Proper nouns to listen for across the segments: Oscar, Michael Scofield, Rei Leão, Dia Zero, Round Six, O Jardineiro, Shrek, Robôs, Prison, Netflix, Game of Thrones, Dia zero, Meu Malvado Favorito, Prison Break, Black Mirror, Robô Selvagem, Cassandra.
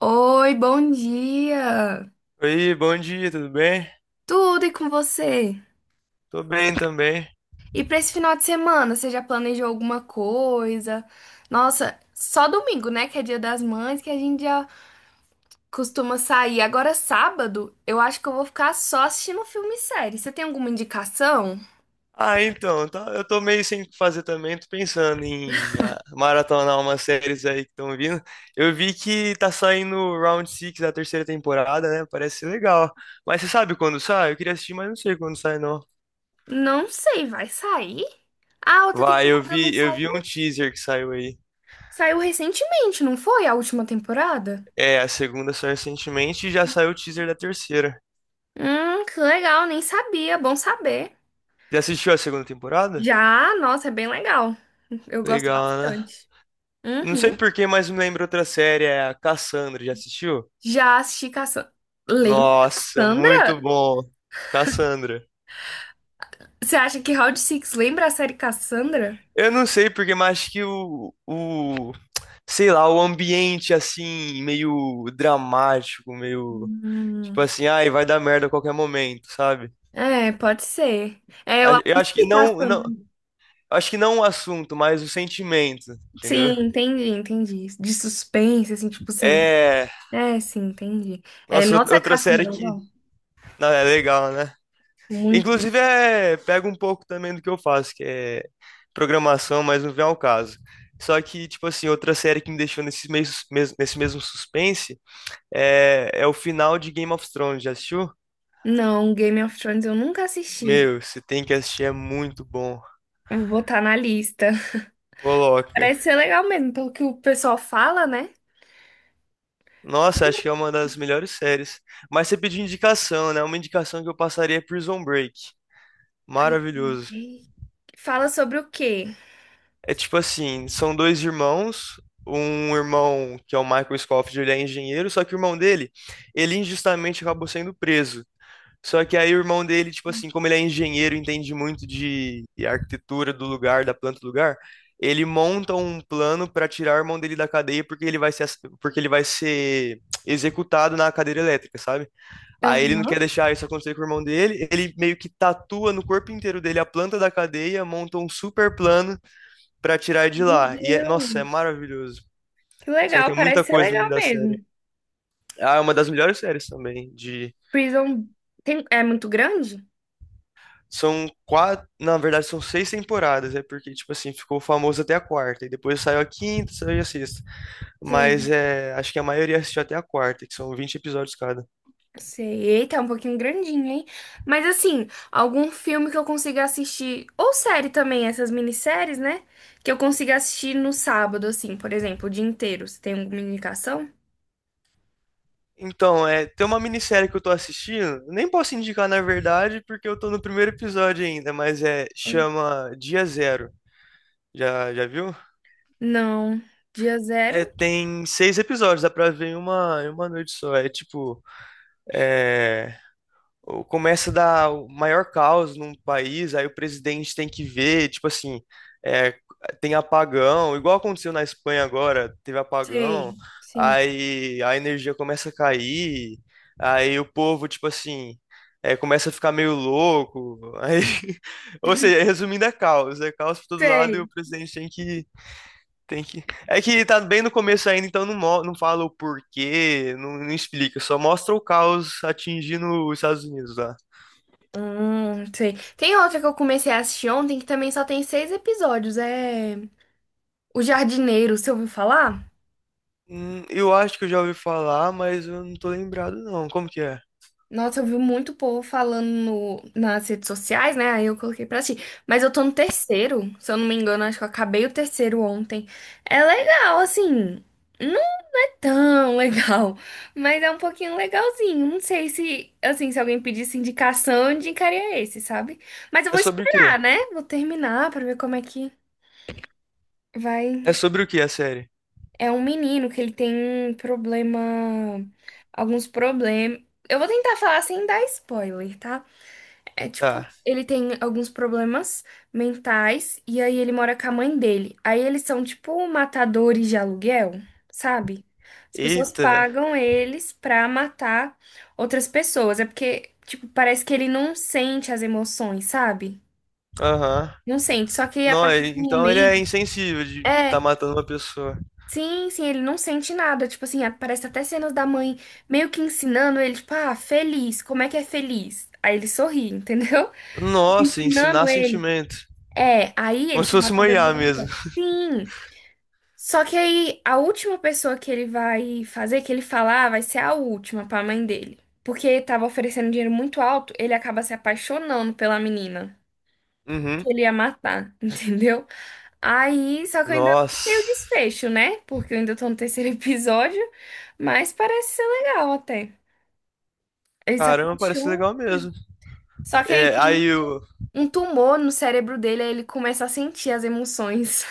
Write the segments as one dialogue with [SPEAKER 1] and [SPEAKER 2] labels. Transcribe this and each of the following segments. [SPEAKER 1] Oi, bom dia!
[SPEAKER 2] Oi, bom dia, tudo bem?
[SPEAKER 1] Tudo e com você?
[SPEAKER 2] Tô bem também.
[SPEAKER 1] E pra esse final de semana, você já planejou alguma coisa? Nossa, só domingo, né? Que é Dia das Mães, que a gente já costuma sair. Agora, sábado, eu acho que eu vou ficar só assistindo filme e série. Você tem alguma indicação?
[SPEAKER 2] Eu tô meio sem o que fazer também, tô pensando em maratonar umas séries aí que estão vindo. Eu vi que tá saindo o Round Six da terceira temporada, né? Parece ser legal. Mas você sabe quando sai? Eu queria assistir, mas não sei quando sai, não.
[SPEAKER 1] Não sei, vai sair? Ah, a outra
[SPEAKER 2] Vai, eu
[SPEAKER 1] temporada não
[SPEAKER 2] vi, eu vi
[SPEAKER 1] saiu?
[SPEAKER 2] um teaser que saiu aí.
[SPEAKER 1] Saiu recentemente, não foi? A última temporada?
[SPEAKER 2] É, a segunda saiu recentemente e já saiu o teaser da terceira.
[SPEAKER 1] Que legal, nem sabia, bom saber.
[SPEAKER 2] Já assistiu a segunda temporada?
[SPEAKER 1] Já, nossa, é bem legal. Eu gosto
[SPEAKER 2] Legal, né?
[SPEAKER 1] bastante.
[SPEAKER 2] Não sei
[SPEAKER 1] Uhum.
[SPEAKER 2] por que, mas me lembra outra série, é a Cassandra, já assistiu?
[SPEAKER 1] Já assisti Cassandra. Lembra
[SPEAKER 2] Nossa, muito
[SPEAKER 1] Cassandra?
[SPEAKER 2] bom. Cassandra.
[SPEAKER 1] Você acha que Round Six lembra a série Cassandra?
[SPEAKER 2] Eu não sei porque, mas acho que sei lá, o ambiente assim, meio dramático, meio,
[SPEAKER 1] Hum,
[SPEAKER 2] tipo assim, ai, vai dar merda a qualquer momento, sabe?
[SPEAKER 1] é, pode ser. É, eu
[SPEAKER 2] Eu acho que
[SPEAKER 1] assisti
[SPEAKER 2] não,
[SPEAKER 1] Cassandra.
[SPEAKER 2] acho que não o assunto, mas o sentimento,
[SPEAKER 1] Sim,
[SPEAKER 2] entendeu?
[SPEAKER 1] entendi, entendi. De suspense, assim, tipo, sem.
[SPEAKER 2] É,
[SPEAKER 1] É, sim, entendi. É,
[SPEAKER 2] nossa,
[SPEAKER 1] nossa, Cassandra, não.
[SPEAKER 2] não, é legal, né?
[SPEAKER 1] Muito.
[SPEAKER 2] Inclusive, é, pega um pouco também do que eu faço, que é programação, mas não vem ao caso. Só que, tipo assim, outra série que me deixou nesse nesse mesmo suspense é, é o final de Game of Thrones. Já assistiu?
[SPEAKER 1] Não, Game of Thrones eu nunca assisti.
[SPEAKER 2] Meu, você tem que assistir, é muito bom.
[SPEAKER 1] Eu vou botar na lista.
[SPEAKER 2] Coloca.
[SPEAKER 1] Parece ser legal mesmo, pelo que o pessoal fala, né?
[SPEAKER 2] Nossa, acho que é uma das melhores séries. Mas você pediu indicação, né? Uma indicação que eu passaria é Prison Break. Maravilhoso.
[SPEAKER 1] Fala sobre o quê?
[SPEAKER 2] É tipo assim, são dois irmãos, um irmão que é o Michael Scofield, ele é engenheiro, só que o irmão dele, ele injustamente acabou sendo preso. Só que aí o irmão dele, tipo assim, como ele é engenheiro, entende muito de arquitetura do lugar, da planta do lugar, ele monta um plano para tirar o irmão dele da cadeia porque ele vai ser, ass- porque ele vai ser executado na cadeira elétrica, sabe? Aí ele não quer
[SPEAKER 1] Aham.
[SPEAKER 2] deixar isso acontecer com o irmão dele, ele meio que tatua no corpo inteiro dele a planta da cadeia, monta um super plano pra tirar de
[SPEAKER 1] Meu
[SPEAKER 2] lá. E, é, nossa, é
[SPEAKER 1] Deus.
[SPEAKER 2] maravilhoso.
[SPEAKER 1] Que
[SPEAKER 2] Só que
[SPEAKER 1] legal,
[SPEAKER 2] é muita
[SPEAKER 1] parece ser
[SPEAKER 2] coisa no meio
[SPEAKER 1] legal
[SPEAKER 2] da série.
[SPEAKER 1] mesmo.
[SPEAKER 2] Ah, é uma das melhores séries também, de...
[SPEAKER 1] Prison tem... é muito grande?
[SPEAKER 2] São quatro, na verdade são seis temporadas, é porque, tipo assim, ficou famoso até a quarta, e depois saiu a quinta, saiu a sexta. Mas
[SPEAKER 1] Sim,
[SPEAKER 2] é, acho que a maioria assistiu até a quarta, que são vinte episódios cada.
[SPEAKER 1] eu sei. Eita, é um pouquinho grandinho, hein? Mas assim, algum filme que eu consiga assistir, ou série também, essas minisséries, né? Que eu consiga assistir no sábado, assim, por exemplo, o dia inteiro. Você tem alguma indicação?
[SPEAKER 2] Então, é, tem uma minissérie que eu tô assistindo, nem posso indicar na verdade, porque eu tô no primeiro episódio ainda, mas é,
[SPEAKER 1] Tem.
[SPEAKER 2] chama Dia Zero. Já, já viu?
[SPEAKER 1] Não. Dia
[SPEAKER 2] É,
[SPEAKER 1] zero?
[SPEAKER 2] tem seis episódios, dá pra ver em em uma noite só. É tipo, é, começa a dar o maior caos num país, aí o presidente tem que ver, tipo assim, é, tem apagão, igual aconteceu na Espanha agora, teve apagão,
[SPEAKER 1] Sei. Sim.
[SPEAKER 2] aí a energia começa a cair, aí o povo, tipo assim, é, começa a ficar meio louco, aí, ou seja, resumindo, é caos por todo lado e
[SPEAKER 1] Sei.
[SPEAKER 2] o presidente tem que... É que tá bem no começo ainda, então não, não fala o porquê, não explica, só mostra o caos atingindo os Estados Unidos lá.
[SPEAKER 1] Sei. Tem outra que eu comecei a assistir ontem que também só tem 6 episódios. É O Jardineiro, você ouviu falar?
[SPEAKER 2] Eu acho que eu já ouvi falar, mas eu não tô lembrado não. Como que é?
[SPEAKER 1] Nossa, eu vi muito povo falando nas redes sociais, né? Aí eu coloquei pra assistir. Mas eu tô no terceiro, se eu não me engano, acho que eu acabei o terceiro ontem. É legal, assim. Não é tão legal, mas é um pouquinho legalzinho. Não sei se, assim, se alguém pedisse indicação, eu indicaria esse, sabe? Mas eu
[SPEAKER 2] É
[SPEAKER 1] vou
[SPEAKER 2] sobre o quê?
[SPEAKER 1] esperar, né? Vou terminar pra ver como é que
[SPEAKER 2] É
[SPEAKER 1] vai.
[SPEAKER 2] sobre o quê a série?
[SPEAKER 1] É um menino que ele tem um problema. Alguns problemas. Eu vou tentar falar sem dar spoiler, tá? É tipo,
[SPEAKER 2] Tá.
[SPEAKER 1] ele tem alguns problemas mentais e aí ele mora com a mãe dele. Aí eles são tipo matadores de aluguel, sabe? As pessoas
[SPEAKER 2] Eita.
[SPEAKER 1] pagam eles pra matar outras pessoas. É porque, tipo, parece que ele não sente as emoções, sabe?
[SPEAKER 2] Aham.
[SPEAKER 1] Não sente. Só que a
[SPEAKER 2] Não,
[SPEAKER 1] partir do
[SPEAKER 2] então ele é
[SPEAKER 1] momento.
[SPEAKER 2] insensível de tá
[SPEAKER 1] É.
[SPEAKER 2] matando uma pessoa.
[SPEAKER 1] Sim, sim, ele não sente nada. Tipo assim, parece até cenas da mãe meio que ensinando ele, tipo, ah, feliz, como é que é feliz? Aí ele sorri, entendeu?
[SPEAKER 2] Nossa, ensinar
[SPEAKER 1] Ensinando ele.
[SPEAKER 2] sentimento.
[SPEAKER 1] É, aí
[SPEAKER 2] Como
[SPEAKER 1] eles
[SPEAKER 2] se
[SPEAKER 1] são
[SPEAKER 2] fosse uma
[SPEAKER 1] matadores
[SPEAKER 2] IA
[SPEAKER 1] de
[SPEAKER 2] mesmo.
[SPEAKER 1] aluguel. Sim. Só que aí a última pessoa que ele vai fazer, que ele falar, vai ser a última pra mãe dele. Porque tava oferecendo dinheiro muito alto, ele acaba se apaixonando pela menina
[SPEAKER 2] Uhum.
[SPEAKER 1] que ele ia matar, entendeu? Aí, só que eu ainda não sei o
[SPEAKER 2] Nossa.
[SPEAKER 1] desfecho, né? Porque eu ainda tô no terceiro episódio, mas parece ser legal até. Ele se
[SPEAKER 2] Caramba, parece
[SPEAKER 1] apaixona.
[SPEAKER 2] legal mesmo.
[SPEAKER 1] Só que aí
[SPEAKER 2] É,
[SPEAKER 1] tem
[SPEAKER 2] aí o.
[SPEAKER 1] um tumor no cérebro dele, aí ele começa a sentir as emoções.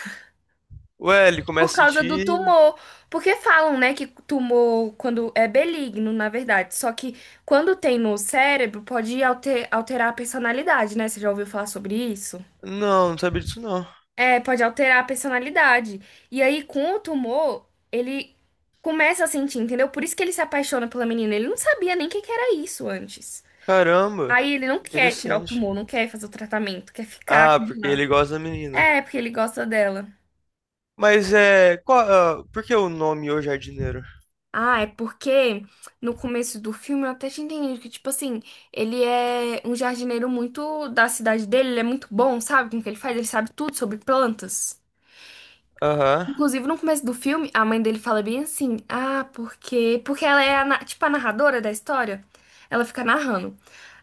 [SPEAKER 2] Ué, ele
[SPEAKER 1] Por
[SPEAKER 2] começa a
[SPEAKER 1] causa do
[SPEAKER 2] sentir.
[SPEAKER 1] tumor. Porque falam, né, que tumor quando é benigno, na verdade. Só que quando tem no cérebro, pode alterar a personalidade, né? Você já ouviu falar sobre isso?
[SPEAKER 2] Não, não sabia disso não.
[SPEAKER 1] É, pode alterar a personalidade. E aí, com o tumor, ele começa a sentir, entendeu? Por isso que ele se apaixona pela menina. Ele não sabia nem o que que era isso antes.
[SPEAKER 2] Caramba,
[SPEAKER 1] Aí ele não quer tirar o
[SPEAKER 2] interessante.
[SPEAKER 1] tumor, não quer fazer o tratamento, quer ficar
[SPEAKER 2] Ah,
[SPEAKER 1] com
[SPEAKER 2] porque
[SPEAKER 1] ela.
[SPEAKER 2] ele gosta da menina.
[SPEAKER 1] É, porque ele gosta dela.
[SPEAKER 2] Mas é. Qual, ah, por que o nome O Jardineiro?
[SPEAKER 1] Ah, é porque no começo do filme eu até tinha entendido que, tipo assim, ele é um jardineiro muito da cidade dele, ele é muito bom, sabe? Com o que ele faz, ele sabe tudo sobre plantas.
[SPEAKER 2] Aham.
[SPEAKER 1] Inclusive, no começo do filme, a mãe dele fala bem assim: ah, porque. Porque ela é, a, tipo, a narradora da história. Ela fica narrando.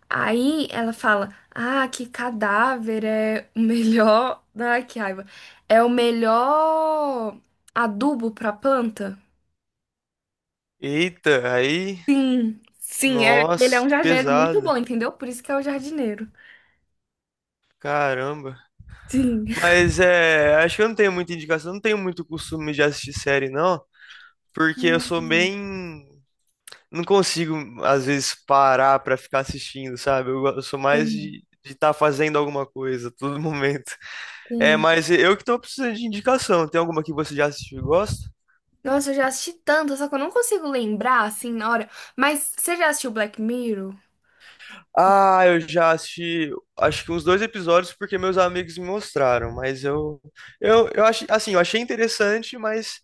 [SPEAKER 1] Aí ela fala: ah, que cadáver é o melhor. Ai, que raiva. É o melhor adubo pra planta.
[SPEAKER 2] Eita, aí.
[SPEAKER 1] Sim, sim, é, ele é
[SPEAKER 2] Nossa,
[SPEAKER 1] um
[SPEAKER 2] que
[SPEAKER 1] jardineiro muito bom,
[SPEAKER 2] pesada.
[SPEAKER 1] entendeu? Por isso que é o jardineiro.
[SPEAKER 2] Caramba.
[SPEAKER 1] Sim.
[SPEAKER 2] Mas é. Acho que eu não tenho muita indicação. Eu não tenho muito costume de assistir série, não. Porque eu sou
[SPEAKER 1] Sim,
[SPEAKER 2] bem. Não consigo, às vezes, parar pra ficar assistindo, sabe? Eu, eu sou mais
[SPEAKER 1] sim,
[SPEAKER 2] de estar fazendo alguma coisa a todo momento. É,
[SPEAKER 1] sim.
[SPEAKER 2] mas eu que tô precisando de indicação. Tem alguma que você já assistiu e gosta?
[SPEAKER 1] Nossa, eu já assisti tanto, só que eu não consigo lembrar assim na hora. Mas você já assistiu Black Mirror?
[SPEAKER 2] Ah, eu já assisti, acho que uns dois episódios porque meus amigos me mostraram, mas eu acho assim, eu achei interessante, mas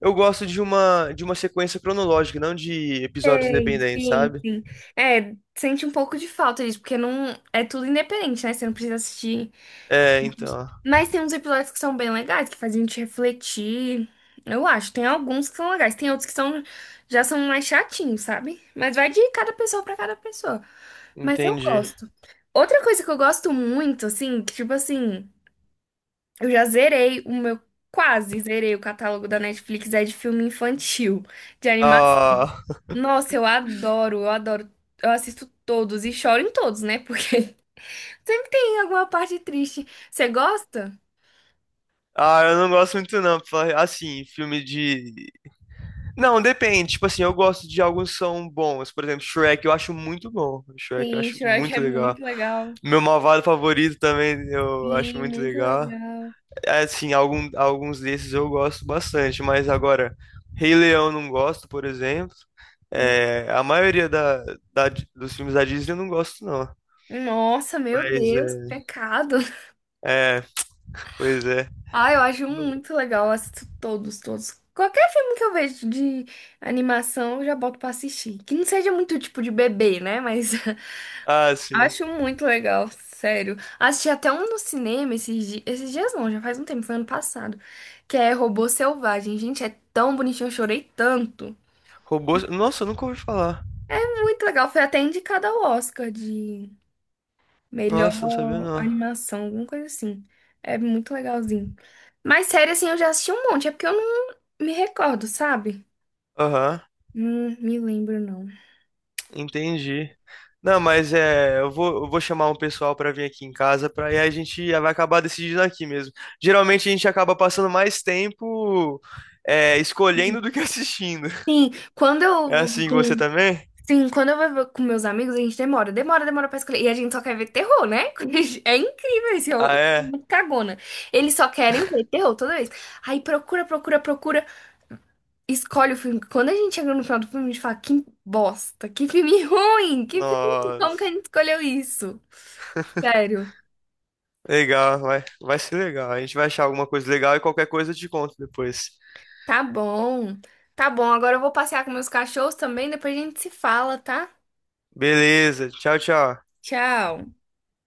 [SPEAKER 2] eu gosto de uma sequência cronológica, não de episódios
[SPEAKER 1] Sei,
[SPEAKER 2] independentes,
[SPEAKER 1] sim,
[SPEAKER 2] sabe?
[SPEAKER 1] sim. É, sente um pouco de falta disso, porque não é tudo independente, né? Você não precisa assistir.
[SPEAKER 2] É, então,
[SPEAKER 1] Mas tem uns episódios que são bem legais, que fazem a gente refletir. Eu acho, tem alguns que são legais, tem outros que são já são mais chatinhos, sabe? Mas vai de cada pessoa pra cada pessoa. Mas eu
[SPEAKER 2] entendi.
[SPEAKER 1] gosto. Outra coisa que eu gosto muito, assim, que tipo assim, eu já zerei o meu, quase zerei o catálogo da Netflix, é de filme infantil, de animação.
[SPEAKER 2] Ah,
[SPEAKER 1] Nossa, eu adoro, eu adoro. Eu assisto todos e choro em todos, né? Porque sempre tem alguma parte triste. Você gosta?
[SPEAKER 2] ah, eu não gosto muito não, assim, filme de Não, depende. Tipo assim, eu gosto de alguns que são bons. Por exemplo, Shrek eu acho muito bom. Shrek eu
[SPEAKER 1] Sim,
[SPEAKER 2] acho
[SPEAKER 1] Shrek
[SPEAKER 2] muito
[SPEAKER 1] é
[SPEAKER 2] legal.
[SPEAKER 1] muito legal.
[SPEAKER 2] Meu malvado favorito também eu acho
[SPEAKER 1] Sim,
[SPEAKER 2] muito
[SPEAKER 1] muito
[SPEAKER 2] legal.
[SPEAKER 1] legal.
[SPEAKER 2] É, assim, alguns desses eu gosto bastante, mas agora, Rei Leão não gosto, por exemplo.
[SPEAKER 1] Hum.
[SPEAKER 2] É, a maioria da, da- dos filmes da Disney eu não gosto, não.
[SPEAKER 1] Nossa, meu
[SPEAKER 2] Mas
[SPEAKER 1] Deus, que
[SPEAKER 2] é,
[SPEAKER 1] pecado.
[SPEAKER 2] é, pois é.
[SPEAKER 1] Ah, eu acho muito legal, eu assisto todos, todos. Qualquer filme que eu vejo de animação, eu já boto pra assistir. Que não seja muito tipo de bebê, né? Mas
[SPEAKER 2] Ah, sim.
[SPEAKER 1] acho muito legal, sério. Assisti até um no cinema esses dias não, já faz um tempo, foi ano passado, que é Robô Selvagem. Gente, é tão bonitinho, eu chorei tanto.
[SPEAKER 2] Robôs. Nossa, eu nunca ouvi falar.
[SPEAKER 1] É muito legal, foi até indicado ao Oscar de
[SPEAKER 2] Nossa, não sabia
[SPEAKER 1] melhor
[SPEAKER 2] não.
[SPEAKER 1] animação, alguma coisa assim. É muito legalzinho. Mas sério, assim, eu já assisti um monte. É porque eu não me recordo, sabe?
[SPEAKER 2] Aham.
[SPEAKER 1] Não me lembro, não.
[SPEAKER 2] Entendi. Não, mas é, eu vou chamar um pessoal para vir aqui em casa, para aí a gente vai acabar decidindo aqui mesmo. Geralmente a gente acaba passando mais tempo é, escolhendo do que assistindo.
[SPEAKER 1] Sim, quando eu
[SPEAKER 2] É
[SPEAKER 1] vou
[SPEAKER 2] assim com você
[SPEAKER 1] com...
[SPEAKER 2] também?
[SPEAKER 1] Sim, quando eu vou com meus amigos, a gente demora. Demora, demora pra escolher. E a gente só quer ver terror, né? É incrível isso. Eu
[SPEAKER 2] Ah,
[SPEAKER 1] sou
[SPEAKER 2] é?
[SPEAKER 1] muito cagona. Eles só querem ver terror toda vez. Aí procura, procura, procura. Escolhe o filme. Quando a gente chega no final do filme, a gente fala, que bosta, que filme ruim, que filme ruim, como que a
[SPEAKER 2] Nossa.
[SPEAKER 1] gente escolheu isso? Sério.
[SPEAKER 2] Legal, vai ser legal. A gente vai achar alguma coisa legal e qualquer coisa eu te conto depois.
[SPEAKER 1] Tá bom. Tá bom, agora eu vou passear com meus cachorros também, depois a gente se fala, tá?
[SPEAKER 2] Beleza, tchau, tchau.
[SPEAKER 1] Tchau.